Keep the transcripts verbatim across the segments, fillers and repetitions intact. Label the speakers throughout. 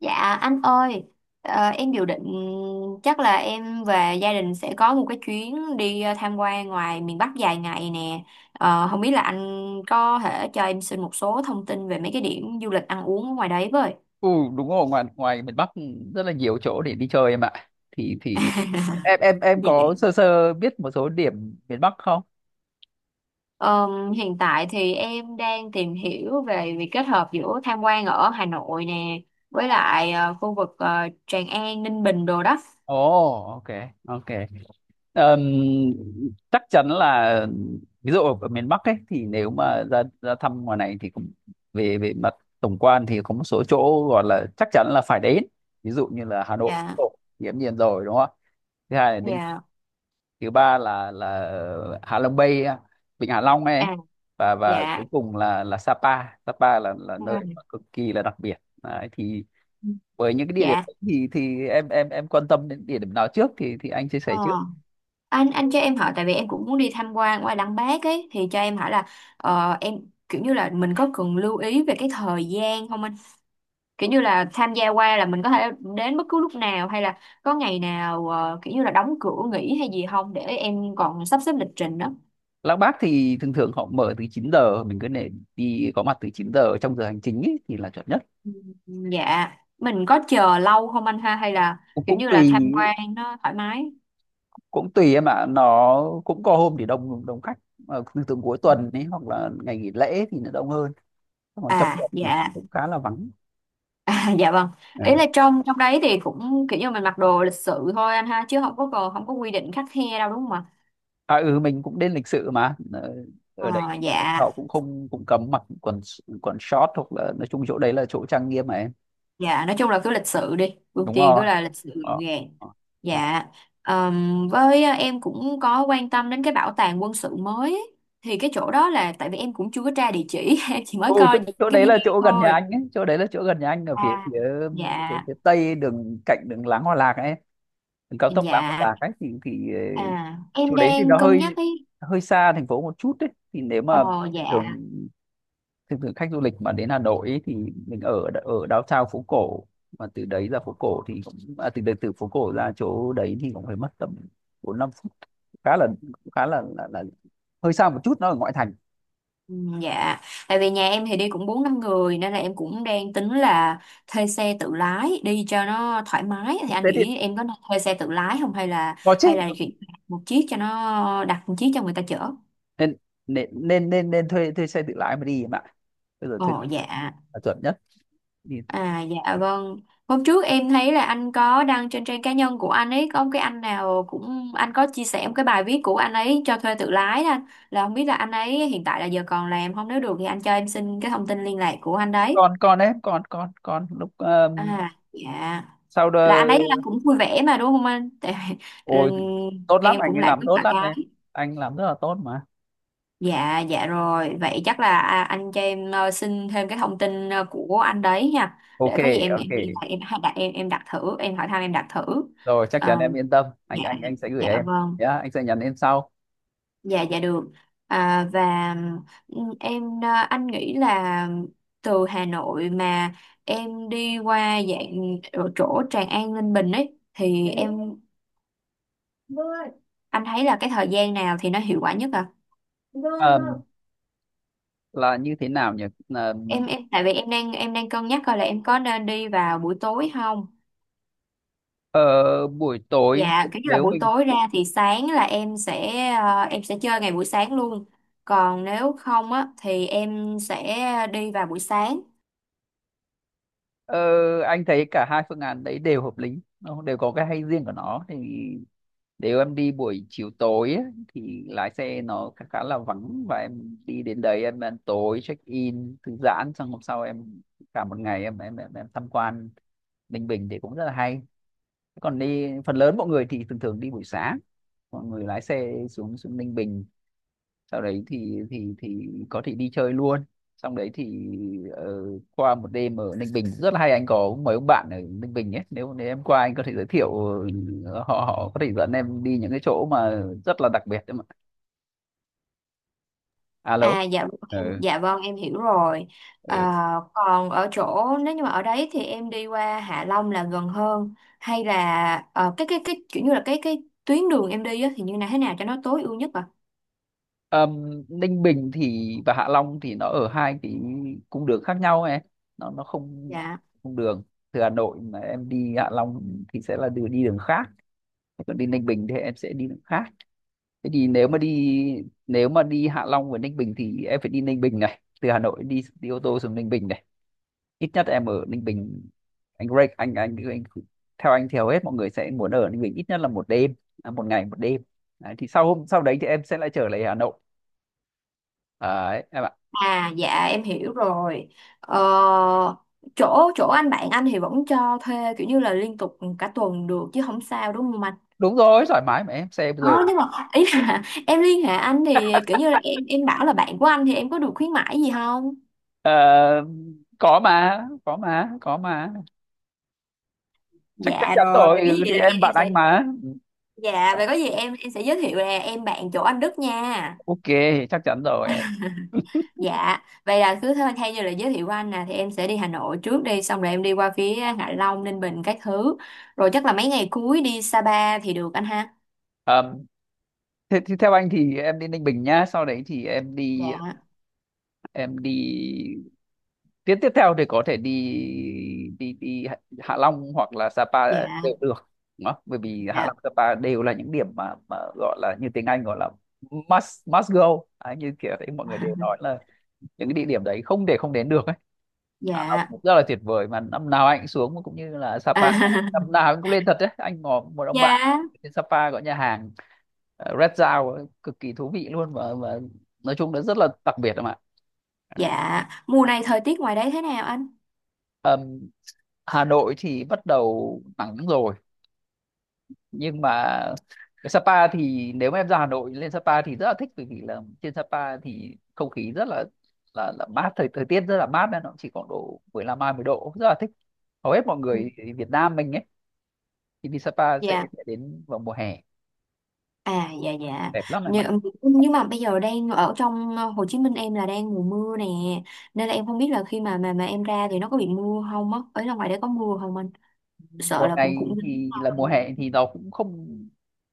Speaker 1: Dạ anh ơi, ờ, em dự định chắc là em và gia đình sẽ có một cái chuyến đi ờ, tham quan ngoài miền Bắc dài ngày nè. Ờ, không biết là anh có thể cho em xin một số thông tin về mấy cái điểm du lịch ăn uống ở ngoài đấy với.
Speaker 2: Ừ, đúng rồi, ngoài ngoài miền Bắc rất là nhiều chỗ để đi chơi em ạ, thì thì em em em
Speaker 1: Dạ.
Speaker 2: có sơ sơ biết một số điểm miền Bắc không?
Speaker 1: Ờm, hiện tại thì em đang tìm hiểu về việc kết hợp giữa tham quan ở Hà Nội nè với lại ờ, khu vực ờ, Tràng An, Ninh Bình đồ đó.
Speaker 2: Ồ, ok, ok. Ờm, chắc chắn là ví dụ ở ở miền Bắc ấy thì nếu mà ra ra thăm ngoài này thì cũng về về mặt tổng quan thì có một số chỗ gọi là chắc chắn là phải đến, ví dụ như là Hà Nội
Speaker 1: Dạ,
Speaker 2: Tổ, thì hiển nhiên rồi, đúng không ạ? Thứ hai là Ninh,
Speaker 1: dạ,
Speaker 2: thứ ba là là Hạ Long Bay, Vịnh Hạ Long ấy,
Speaker 1: à,
Speaker 2: và và
Speaker 1: dạ,
Speaker 2: cuối cùng là là Sapa. Sapa là là nơi
Speaker 1: dạ.
Speaker 2: mà cực kỳ là đặc biệt. Đấy, thì với những cái địa điểm
Speaker 1: Dạ.
Speaker 2: ấy thì thì em em em quan tâm đến địa điểm nào trước thì thì anh chia sẻ trước.
Speaker 1: Ờ. anh anh cho em hỏi, tại vì em cũng muốn đi tham quan qua Lăng Bác ấy, thì cho em hỏi là ờ, em, kiểu như là mình có cần lưu ý về cái thời gian không anh, kiểu như là tham gia qua là mình có thể đến bất cứ lúc nào hay là có ngày nào ờ, kiểu như là đóng cửa nghỉ hay gì không, để em còn sắp xếp lịch trình đó?
Speaker 2: Lăng Bác thì thường thường họ mở từ chín giờ, mình cứ để đi có mặt từ chín giờ trong giờ hành chính ấy, thì là chuẩn nhất.
Speaker 1: Ừ, dạ, mình có chờ lâu không anh ha, hay là
Speaker 2: cũng
Speaker 1: kiểu
Speaker 2: cũng
Speaker 1: như là
Speaker 2: tùy,
Speaker 1: tham quan nó thoải mái?
Speaker 2: cũng tùy em ạ, nó cũng có hôm thì đông đông khách mà thường thường cuối tuần ấy hoặc là ngày nghỉ lễ thì nó đông hơn, còn trong
Speaker 1: À
Speaker 2: tuần thì
Speaker 1: dạ.
Speaker 2: cũng khá là vắng.
Speaker 1: À, dạ vâng,
Speaker 2: Ừ.
Speaker 1: ý là trong trong đấy thì cũng kiểu như mình mặc đồ lịch sự thôi anh ha, chứ không có, còn không có quy định khắt khe đâu, đúng không ạ?
Speaker 2: À ừ, mình cũng đến lịch sự mà. Ờ, ở đấy
Speaker 1: Ờ,
Speaker 2: thì
Speaker 1: dạ
Speaker 2: họ cũng không, cũng cấm mặc quần quần short, hoặc là nói chung chỗ đấy là chỗ trang nghiêm mà em.
Speaker 1: dạ, nói chung là cứ lịch sự đi, ưu
Speaker 2: Đúng
Speaker 1: tiên cứ
Speaker 2: rồi.
Speaker 1: là lịch sự gọn
Speaker 2: ờ.
Speaker 1: gàng.
Speaker 2: ờ, ờ.
Speaker 1: Dạ. ờm, với ờ, em cũng có quan tâm đến cái bảo tàng quân sự mới ấy. Thì cái chỗ đó là tại vì em cũng chưa có tra địa chỉ em chỉ mới
Speaker 2: Ừ chỗ,
Speaker 1: coi những
Speaker 2: chỗ
Speaker 1: cái
Speaker 2: đấy là
Speaker 1: video
Speaker 2: chỗ gần nhà
Speaker 1: thôi.
Speaker 2: anh ấy, chỗ đấy là chỗ gần nhà anh, ở phía
Speaker 1: À
Speaker 2: phía
Speaker 1: dạ
Speaker 2: phía, phía tây đường, cạnh đường Láng Hòa Lạc ấy, đường cao tốc Láng Hòa
Speaker 1: dạ
Speaker 2: Lạc ấy thì thì ờ,
Speaker 1: à, em
Speaker 2: chỗ đấy thì
Speaker 1: đang
Speaker 2: nó
Speaker 1: cân
Speaker 2: hơi,
Speaker 1: nhắc ấy.
Speaker 2: hơi xa thành phố một chút. Đấy, thì nếu
Speaker 1: Ờ
Speaker 2: mà
Speaker 1: dạ.
Speaker 2: thường, thực sự khách du lịch mà đến Hà Nội ấy, thì mình ở ở downtown phố cổ, mà từ đấy ra phố cổ thì cũng, à, từ từ phố cổ ra chỗ đấy thì cũng phải mất tầm bốn năm phút, khá là, khá là, là là hơi xa một chút, nó ở ngoại thành.
Speaker 1: Ừ, dạ, tại vì nhà em thì đi cũng bốn năm người nên là em cũng đang tính là thuê xe tự lái đi cho nó thoải mái. Thì anh
Speaker 2: Thế thì
Speaker 1: nghĩ em có nên thuê xe tự lái không, hay là
Speaker 2: có chứ,
Speaker 1: hay là chuyển một chiếc, cho nó đặt một chiếc cho người ta chở?
Speaker 2: nên nên nên nên, nên thuê thuê xe tự lái mà đi em ạ. Bây giờ thuê
Speaker 1: Ồ dạ.
Speaker 2: là chuẩn nhất đi.
Speaker 1: À dạ vâng. Hôm trước em thấy là anh có đăng trên trang cá nhân của anh ấy, có một cái anh nào cũng anh có chia sẻ một cái bài viết của anh ấy cho thuê tự lái đó anh. Là không biết là anh ấy hiện tại là giờ còn làm không, nếu được thì anh cho em xin cái thông tin liên lạc của anh đấy.
Speaker 2: Còn còn em, con con còn lúc um,
Speaker 1: À dạ.
Speaker 2: sau
Speaker 1: Là
Speaker 2: đó.
Speaker 1: anh ấy là cũng vui vẻ mà, đúng không anh, tại ừ,
Speaker 2: Ôi, tốt lắm,
Speaker 1: em
Speaker 2: anh
Speaker 1: cũng
Speaker 2: ấy
Speaker 1: lại
Speaker 2: làm
Speaker 1: rất
Speaker 2: tốt
Speaker 1: là
Speaker 2: lắm em,
Speaker 1: cái.
Speaker 2: anh làm rất là tốt mà.
Speaker 1: Dạ dạ rồi, vậy chắc là à, anh cho em ờ, xin thêm cái thông tin ờ, của anh đấy nha,
Speaker 2: Ok,
Speaker 1: để có gì em
Speaker 2: ok,
Speaker 1: em liên hệ, em hay đặt, em em đặt thử, em hỏi thăm, em đặt thử.
Speaker 2: rồi, chắc chắn
Speaker 1: Ờ,
Speaker 2: em yên tâm, anh
Speaker 1: dạ
Speaker 2: anh anh sẽ gửi
Speaker 1: dạ
Speaker 2: em
Speaker 1: vâng,
Speaker 2: nhá, anh sẽ nhắn em sau.
Speaker 1: dạ dạ được. À, và ừ, em, ờ, anh nghĩ là từ Hà Nội mà em đi qua dạng ở chỗ Tràng An Ninh Bình ấy thì em. Vâng, anh thấy là cái thời gian nào thì nó hiệu quả nhất à? Vâng, vâng.
Speaker 2: Ờm, là như thế nào nhỉ. Ờm,
Speaker 1: Em em tại vì em đang em đang cân nhắc coi là em có nên đi vào buổi tối không?
Speaker 2: ờ, buổi tối,
Speaker 1: Dạ, cái là
Speaker 2: nếu
Speaker 1: buổi
Speaker 2: mình,
Speaker 1: tối ra thì sáng là em sẽ ờ, em sẽ chơi ngày buổi sáng luôn. Còn nếu không á thì em sẽ đi vào buổi sáng.
Speaker 2: ờ, anh thấy cả hai phương án đấy đều hợp lý, nó đều có cái hay riêng của nó. Thì nếu em đi buổi chiều tối ấy, thì lái xe nó khá, khá là vắng, và em đi đến đấy, em ăn tối, check in, thư giãn, xong hôm sau em cả một ngày em, em em, em tham quan Ninh Bình thì cũng rất là hay. Còn đi, phần lớn mọi người thì thường thường đi buổi sáng, mọi người lái xe xuống xuống Ninh Bình, sau đấy thì thì thì có thể đi chơi luôn, xong đấy thì, ờ, qua một đêm ở Ninh Bình rất là hay. Anh có mấy ông bạn ở Ninh Bình ấy, nếu nếu em qua anh có thể giới thiệu, ờ, họ họ có thể dẫn em đi những cái chỗ mà rất là đặc biệt đấy mà.
Speaker 1: À
Speaker 2: Alo.
Speaker 1: dạ em,
Speaker 2: Ừ,
Speaker 1: dạ vâng, em hiểu rồi. À,
Speaker 2: ừ.
Speaker 1: còn ở chỗ nếu như mà ở đấy thì em đi qua Hạ Long là gần hơn, hay là ờ, cái cái cái kiểu như là cái cái tuyến đường em đi á, thì như là thế nào cho nó tối ưu nhất à?
Speaker 2: Ờm, Ninh Bình thì và Hạ Long thì nó ở hai cái cung đường khác nhau ấy, nó nó không
Speaker 1: Dạ.
Speaker 2: cung đường. Từ Hà Nội mà em đi Hạ Long thì sẽ là đường đi đường khác, còn đi Ninh Bình thì em sẽ đi đường khác. Thế thì nếu mà đi, nếu mà đi Hạ Long và Ninh Bình thì em phải đi Ninh Bình này, từ Hà Nội đi đi ô tô xuống Ninh Bình này, ít nhất em ở Ninh Bình. Anh Greg, anh anh, anh theo anh thì hầu hết mọi người sẽ muốn ở Ninh Bình ít nhất là một đêm, à, một ngày một đêm. Đấy, thì sau hôm sau đấy thì em sẽ lại trở lại Hà Nội. Đấy,
Speaker 1: À dạ em hiểu rồi. Ờ, chỗ chỗ anh bạn anh thì vẫn cho thuê kiểu như là liên tục cả tuần được, chứ không sao, đúng không anh?
Speaker 2: đúng rồi, thoải mái mà em, xe bây
Speaker 1: Ờ,
Speaker 2: giờ.
Speaker 1: nhưng mà ý là em liên hệ anh thì kiểu như là em em bảo là bạn của anh thì em có được khuyến mãi gì không?
Speaker 2: Ờ, có mà, có mà, có mà. Chắc chắc
Speaker 1: Dạ
Speaker 2: chắn
Speaker 1: rồi,
Speaker 2: rồi,
Speaker 1: vậy cái
Speaker 2: ừ,
Speaker 1: gì
Speaker 2: thì
Speaker 1: là em
Speaker 2: em
Speaker 1: em
Speaker 2: bạn
Speaker 1: sẽ.
Speaker 2: anh mà.
Speaker 1: Dạ, vậy có gì em em sẽ giới thiệu là em bạn chỗ anh Đức nha.
Speaker 2: Ok, chắc chắn rồi em.
Speaker 1: Dạ, vậy là cứ thôi, thay như là giới thiệu của anh nè thì em sẽ đi Hà Nội trước, đi xong rồi em đi qua phía Hạ Long, Ninh Bình các thứ. Rồi chắc là mấy ngày cuối đi Sapa thì được anh ha.
Speaker 2: Ờm, thế thì theo anh thì em đi Ninh Bình nhá, sau đấy thì em đi,
Speaker 1: Dạ,
Speaker 2: em đi tiếp tiếp theo thì có thể đi, đi đi Hạ Hạ Long hoặc là Sapa đều
Speaker 1: dạ,
Speaker 2: được, đúng không? Bởi vì Hạ Long,
Speaker 1: dạ,
Speaker 2: Sapa đều là những điểm mà mà gọi là, như tiếng Anh gọi là must must go. Đấy, như kiểu đấy mọi người đều nói là những cái địa điểm đấy không để không đến được ấy. Hạ Long
Speaker 1: dạ.
Speaker 2: cũng rất là tuyệt vời mà, năm nào anh cũng xuống, cũng như là Sapa
Speaker 1: À,
Speaker 2: năm nào anh cũng lên thật đấy. Anh ngỏ một ông
Speaker 1: dạ,
Speaker 2: bạn trên Sapa có nhà hàng, ờ, Red Dao ấy, cực kỳ thú vị luôn, và, và nói chung nó rất là đặc biệt em ạ.
Speaker 1: dạ. Mùa này thời tiết ngoài đấy thế nào anh?
Speaker 2: Ờm, Hà Nội thì bắt đầu nắng rồi, nhưng mà cái Sapa thì nếu mà em ra Hà Nội lên Sapa thì rất là thích, bởi vì là trên Sapa thì không khí rất là, là, là mát, thời thời tiết rất là mát, nên nó chỉ khoảng độ mười lăm hai mươi độ, rất là thích. Hầu hết mọi
Speaker 1: Ừ,
Speaker 2: người Việt Nam mình ấy thì đi Sapa sẽ
Speaker 1: dạ.
Speaker 2: sẽ đến vào mùa hè,
Speaker 1: À dạ dạ,
Speaker 2: đẹp lắm em ạ.
Speaker 1: nhưng, nhưng mà bây giờ đang ở trong ờ, Hồ Chí Minh, em là đang mùa mưa nè. Nên là em không biết là khi mà mà mà em ra thì nó có bị mưa không á, ở ra ngoài đấy có mưa không anh? Sợ
Speaker 2: Mùa
Speaker 1: là cũng
Speaker 2: này
Speaker 1: cũng nắng
Speaker 2: thì là mùa
Speaker 1: không.
Speaker 2: hè thì nó cũng không,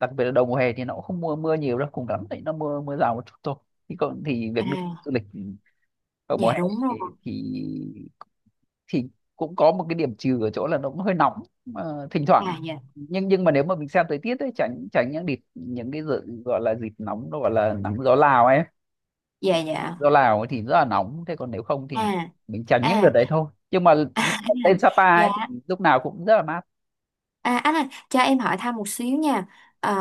Speaker 2: đặc biệt là đầu mùa hè thì nó cũng không mưa, mưa nhiều đâu, cùng lắm thì nó mưa mưa rào một chút thôi. Thì còn thì việc được du
Speaker 1: À
Speaker 2: lịch vào mùa
Speaker 1: dạ
Speaker 2: hè
Speaker 1: đúng rồi.
Speaker 2: thì thì thì cũng có một cái điểm trừ ở chỗ là nó cũng hơi nóng mà, thỉnh thoảng.
Speaker 1: À dạ
Speaker 2: Nhưng nhưng mà nếu mà mình xem thời tiết ấy, tránh tránh những đợt, những cái dự, gọi là dịp nóng, nó gọi là nắng gió Lào ấy,
Speaker 1: dạ dạ.
Speaker 2: do Lào ấy thì rất là nóng. Thế còn nếu không thì
Speaker 1: À
Speaker 2: mình tránh những đợt
Speaker 1: à,
Speaker 2: đấy thôi, nhưng mà lên Sapa ấy thì
Speaker 1: dạ.
Speaker 2: lúc nào cũng rất là mát.
Speaker 1: À anh ơi, cho em hỏi thăm một xíu nha. Ờ,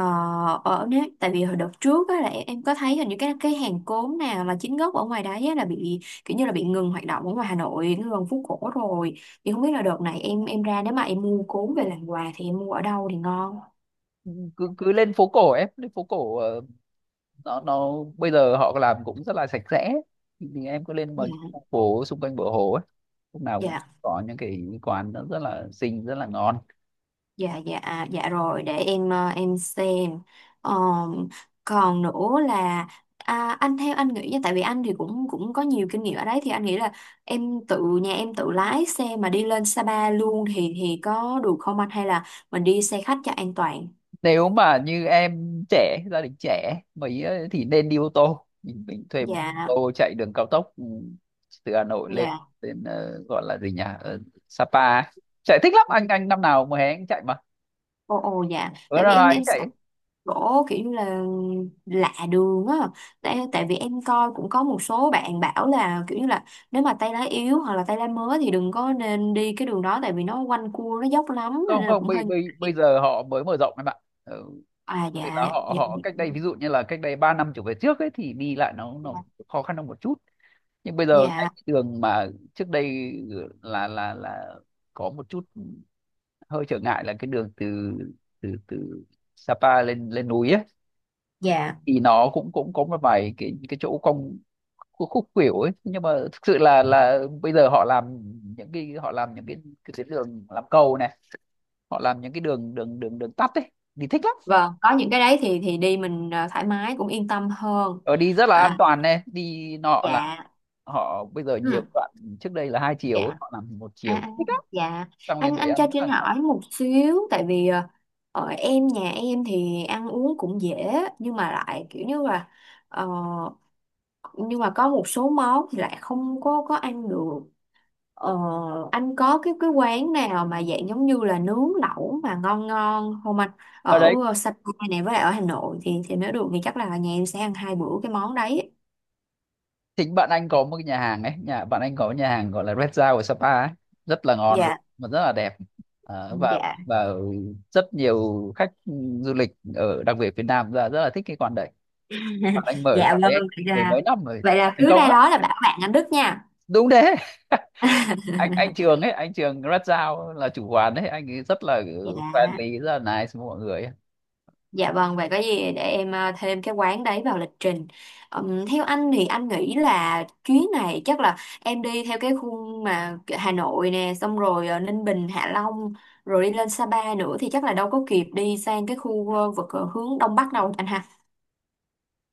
Speaker 1: ở nếu tại vì hồi đợt trước á là em, em, có thấy hình như cái cái hàng cốm nào là chính gốc ở ngoài đấy á, là bị kiểu như là bị ngừng hoạt động ở ngoài Hà Nội, nó gần phố cổ rồi. Thì không biết là đợt này em em ra, nếu mà em mua cốm về làm quà thì em mua ở đâu thì ngon?
Speaker 2: Cứ cứ lên phố cổ, em lên phố cổ, ờ, nó nó bây giờ họ làm cũng rất là sạch sẽ, thì, thì em cứ lên mà,
Speaker 1: Dạ.
Speaker 2: phố xung quanh bờ hồ ấy lúc nào cũng
Speaker 1: Dạ.
Speaker 2: có những cái quán nó rất là xinh, rất là ngon.
Speaker 1: Dạ dạ à, dạ rồi để em ờ, em xem. Ờ, còn nữa là, à, anh, theo anh nghĩ nha, tại vì anh thì cũng cũng có nhiều kinh nghiệm ở đấy thì anh nghĩ là em tự, nhà em tự lái xe mà đi lên Sapa luôn thì thì có được không anh, hay là mình đi xe khách cho an toàn?
Speaker 2: Nếu mà như em trẻ, gia đình trẻ mấy ấy thì nên đi ô tô, mình mình thuê một ô
Speaker 1: Dạ
Speaker 2: tô chạy đường cao tốc, ừ, từ Hà Nội lên
Speaker 1: dạ.
Speaker 2: đến, ờ, gọi là gì nhỉ, Ờ, Sapa ấy. Chạy thích lắm, anh anh năm nào mùa hè anh chạy mà,
Speaker 1: Ồ, ồ dạ,
Speaker 2: ừ, năm
Speaker 1: tại vì
Speaker 2: nào
Speaker 1: em
Speaker 2: anh
Speaker 1: em sợ
Speaker 2: chạy.
Speaker 1: chỗ kiểu như là lạ đường á, tại, tại vì em coi cũng có một số bạn bảo là kiểu như là nếu mà tay lá yếu hoặc là tay lá mới thì đừng có nên đi cái đường đó, tại vì nó quanh cua nó dốc lắm nên
Speaker 2: Không,
Speaker 1: là
Speaker 2: không,
Speaker 1: cũng
Speaker 2: bây
Speaker 1: hơi
Speaker 2: bây bây
Speaker 1: ngại.
Speaker 2: giờ họ mới mở rộng em ạ, ừ,
Speaker 1: À
Speaker 2: tức là
Speaker 1: dạ
Speaker 2: họ
Speaker 1: dạ
Speaker 2: họ cách đây, ví dụ như là cách đây ba năm trở về trước ấy thì đi lại nó nó khó khăn hơn một chút. Nhưng bây giờ cái
Speaker 1: dạ.
Speaker 2: đường mà trước đây là là là có một chút hơi trở ngại, là cái đường từ, từ từ Sapa lên lên núi ấy,
Speaker 1: Dạ
Speaker 2: thì nó cũng cũng có một vài cái cái chỗ cong, khúc khúc khuỷu ấy. Nhưng mà thực sự là là bây giờ họ làm những cái, họ làm những cái cái tuyến đường, làm cầu này, họ làm những cái đường, đường đường đường tắt ấy, đi thích lắm,
Speaker 1: vâng, có những cái đấy thì thì đi mình ờ, thoải mái, cũng yên tâm hơn.
Speaker 2: ở đi rất là an
Speaker 1: À
Speaker 2: toàn này, đi nọ là.
Speaker 1: dạ
Speaker 2: Họ bây giờ
Speaker 1: ừ,
Speaker 2: nhiều đoạn trước đây là hai chiều ấy,
Speaker 1: dạ.
Speaker 2: họ làm một
Speaker 1: À,
Speaker 2: chiều,
Speaker 1: à,
Speaker 2: thích lắm,
Speaker 1: dạ,
Speaker 2: tăng lên
Speaker 1: anh
Speaker 2: đấy,
Speaker 1: anh
Speaker 2: ăn
Speaker 1: cho
Speaker 2: rất là
Speaker 1: Trinh
Speaker 2: ngon.
Speaker 1: hỏi một xíu, tại vì ờ, ở em, nhà em thì ăn uống cũng dễ, nhưng mà lại kiểu như là ờ, nhưng mà có một số món thì lại không có có ăn được. Ờ, anh có cái cái quán nào mà dạng giống như là nướng lẩu mà ngon ngon không anh,
Speaker 2: Ở
Speaker 1: ở
Speaker 2: đấy,
Speaker 1: ờ, Sapa này với lại ở Hà Nội thì thì nếu được thì chắc là nhà em sẽ ăn hai bữa cái món đấy.
Speaker 2: chính bạn anh có một cái nhà hàng ấy, nhà bạn anh có cái nhà hàng gọi là Red Dao ở Sapa ấy, rất là ngon luôn
Speaker 1: Dạ
Speaker 2: mà rất là đẹp. Ờ, và
Speaker 1: dạ.
Speaker 2: và rất nhiều khách du lịch ở, đặc biệt Việt Nam ra rất là thích cái quán đấy. Bạn anh mở cái
Speaker 1: Dạ
Speaker 2: quán
Speaker 1: vâng,
Speaker 2: đấy
Speaker 1: vậy
Speaker 2: mười
Speaker 1: là
Speaker 2: mấy năm rồi,
Speaker 1: vậy là
Speaker 2: thành
Speaker 1: cứ
Speaker 2: công
Speaker 1: ra
Speaker 2: lắm,
Speaker 1: đó là bảo bạn anh Đức nha.
Speaker 2: đúng thế. anh anh Trường ấy, anh Trường Red Dao là chủ quán ấy, anh ấy rất là
Speaker 1: Dạ,
Speaker 2: friendly, rất là nice với mọi người ấy.
Speaker 1: dạ vâng, vậy có gì để em ờ, thêm cái quán đấy vào lịch trình. Ừm, theo anh thì anh nghĩ là chuyến này chắc là em đi theo cái khung mà Hà Nội nè, xong rồi ờ, Ninh Bình, Hạ Long, rồi đi lên Sapa nữa thì chắc là đâu có kịp đi sang cái khu ờ, vực ờ, hướng Đông Bắc đâu anh ha.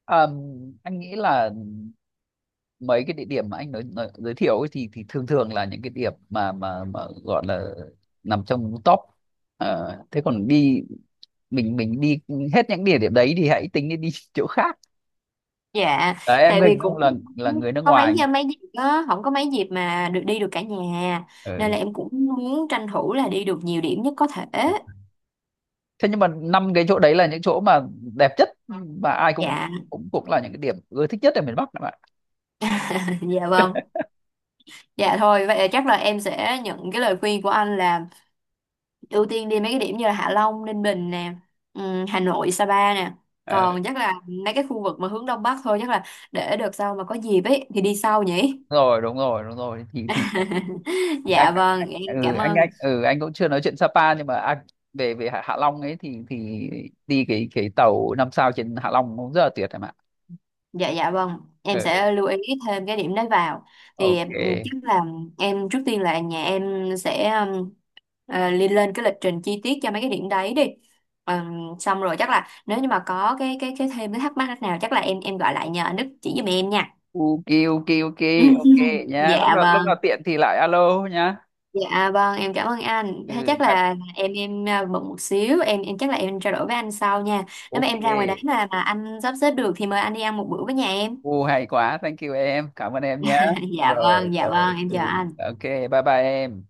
Speaker 2: Ờ, anh nghĩ là mấy cái địa điểm mà anh nói, nói, giới thiệu ấy thì thì thường thường là những cái điểm mà mà mà gọi là nằm trong top. Ờ, thế còn đi, mình mình đi hết những địa điểm đấy thì hãy tính đi đi chỗ khác.
Speaker 1: Dạ,
Speaker 2: Đấy, em
Speaker 1: tại vì
Speaker 2: hình dung
Speaker 1: cũng
Speaker 2: là là người nước
Speaker 1: có mấy
Speaker 2: ngoài.
Speaker 1: mấy dịp đó, không có mấy dịp mà được đi được cả nhà, nên
Speaker 2: Ừ.
Speaker 1: là em cũng muốn tranh thủ là đi được nhiều điểm nhất có thể.
Speaker 2: Thế nhưng mà năm cái chỗ đấy là những chỗ mà đẹp nhất, và ai cũng,
Speaker 1: Dạ,
Speaker 2: cũng cũng là những cái điểm ưa thích nhất ở miền Bắc các bạn.
Speaker 1: dạ vâng. Dạ thôi, vậy là chắc là em sẽ nhận cái lời khuyên của anh là ưu tiên đi mấy cái điểm như là Hạ Long, Ninh Bình nè, ừm, Hà Nội, Sapa nè.
Speaker 2: Ờ,
Speaker 1: Còn chắc là mấy cái khu vực mà hướng Đông Bắc thôi, chắc là để đợt sau mà có dịp ấy thì đi sau nhỉ.
Speaker 2: rồi, đúng rồi, đúng rồi thì thì anh,
Speaker 1: Dạ vâng,
Speaker 2: anh-
Speaker 1: em
Speaker 2: ừ
Speaker 1: cảm
Speaker 2: anh anh
Speaker 1: ơn.
Speaker 2: ừ anh cũng chưa nói chuyện Sapa, nhưng mà anh về về Hạ Hạ Long ấy thì thì đi cái cái tàu năm sao trên Hạ Long cũng rất là tuyệt em ạ.
Speaker 1: Dạ dạ vâng, em
Speaker 2: Ừ,
Speaker 1: sẽ lưu ý thêm cái điểm đấy vào. Thì ừ,
Speaker 2: ok,
Speaker 1: chắc là em trước tiên là nhà em sẽ um, ờ, lên lên cái lịch trình chi tiết cho mấy cái điểm đấy đi. Ừm, xong rồi chắc là nếu như mà có cái cái cái thêm cái thắc mắc nào chắc là em em gọi lại nhờ anh Đức chỉ giùm em nha.
Speaker 2: ok, ok, ok, ok, nhá, lúc
Speaker 1: Dạ
Speaker 2: nào lúc nào
Speaker 1: vâng,
Speaker 2: tiện thì lại alo nhá.
Speaker 1: dạ vâng, em cảm ơn anh.
Speaker 2: Ừ,
Speaker 1: Thế chắc
Speaker 2: bye.
Speaker 1: là em em à, bận một xíu, em em chắc là em trao đổi với anh sau nha. Nếu mà
Speaker 2: Ok.
Speaker 1: em ra ngoài đấy mà mà anh sắp xếp được thì mời anh đi ăn một bữa với nhà em.
Speaker 2: U, hay quá, thank you, em cảm ơn em nhá.
Speaker 1: Dạ
Speaker 2: Rồi,
Speaker 1: vâng, dạ
Speaker 2: rồi,
Speaker 1: vâng, em
Speaker 2: ừ,
Speaker 1: chờ anh.
Speaker 2: ok, bye bye em.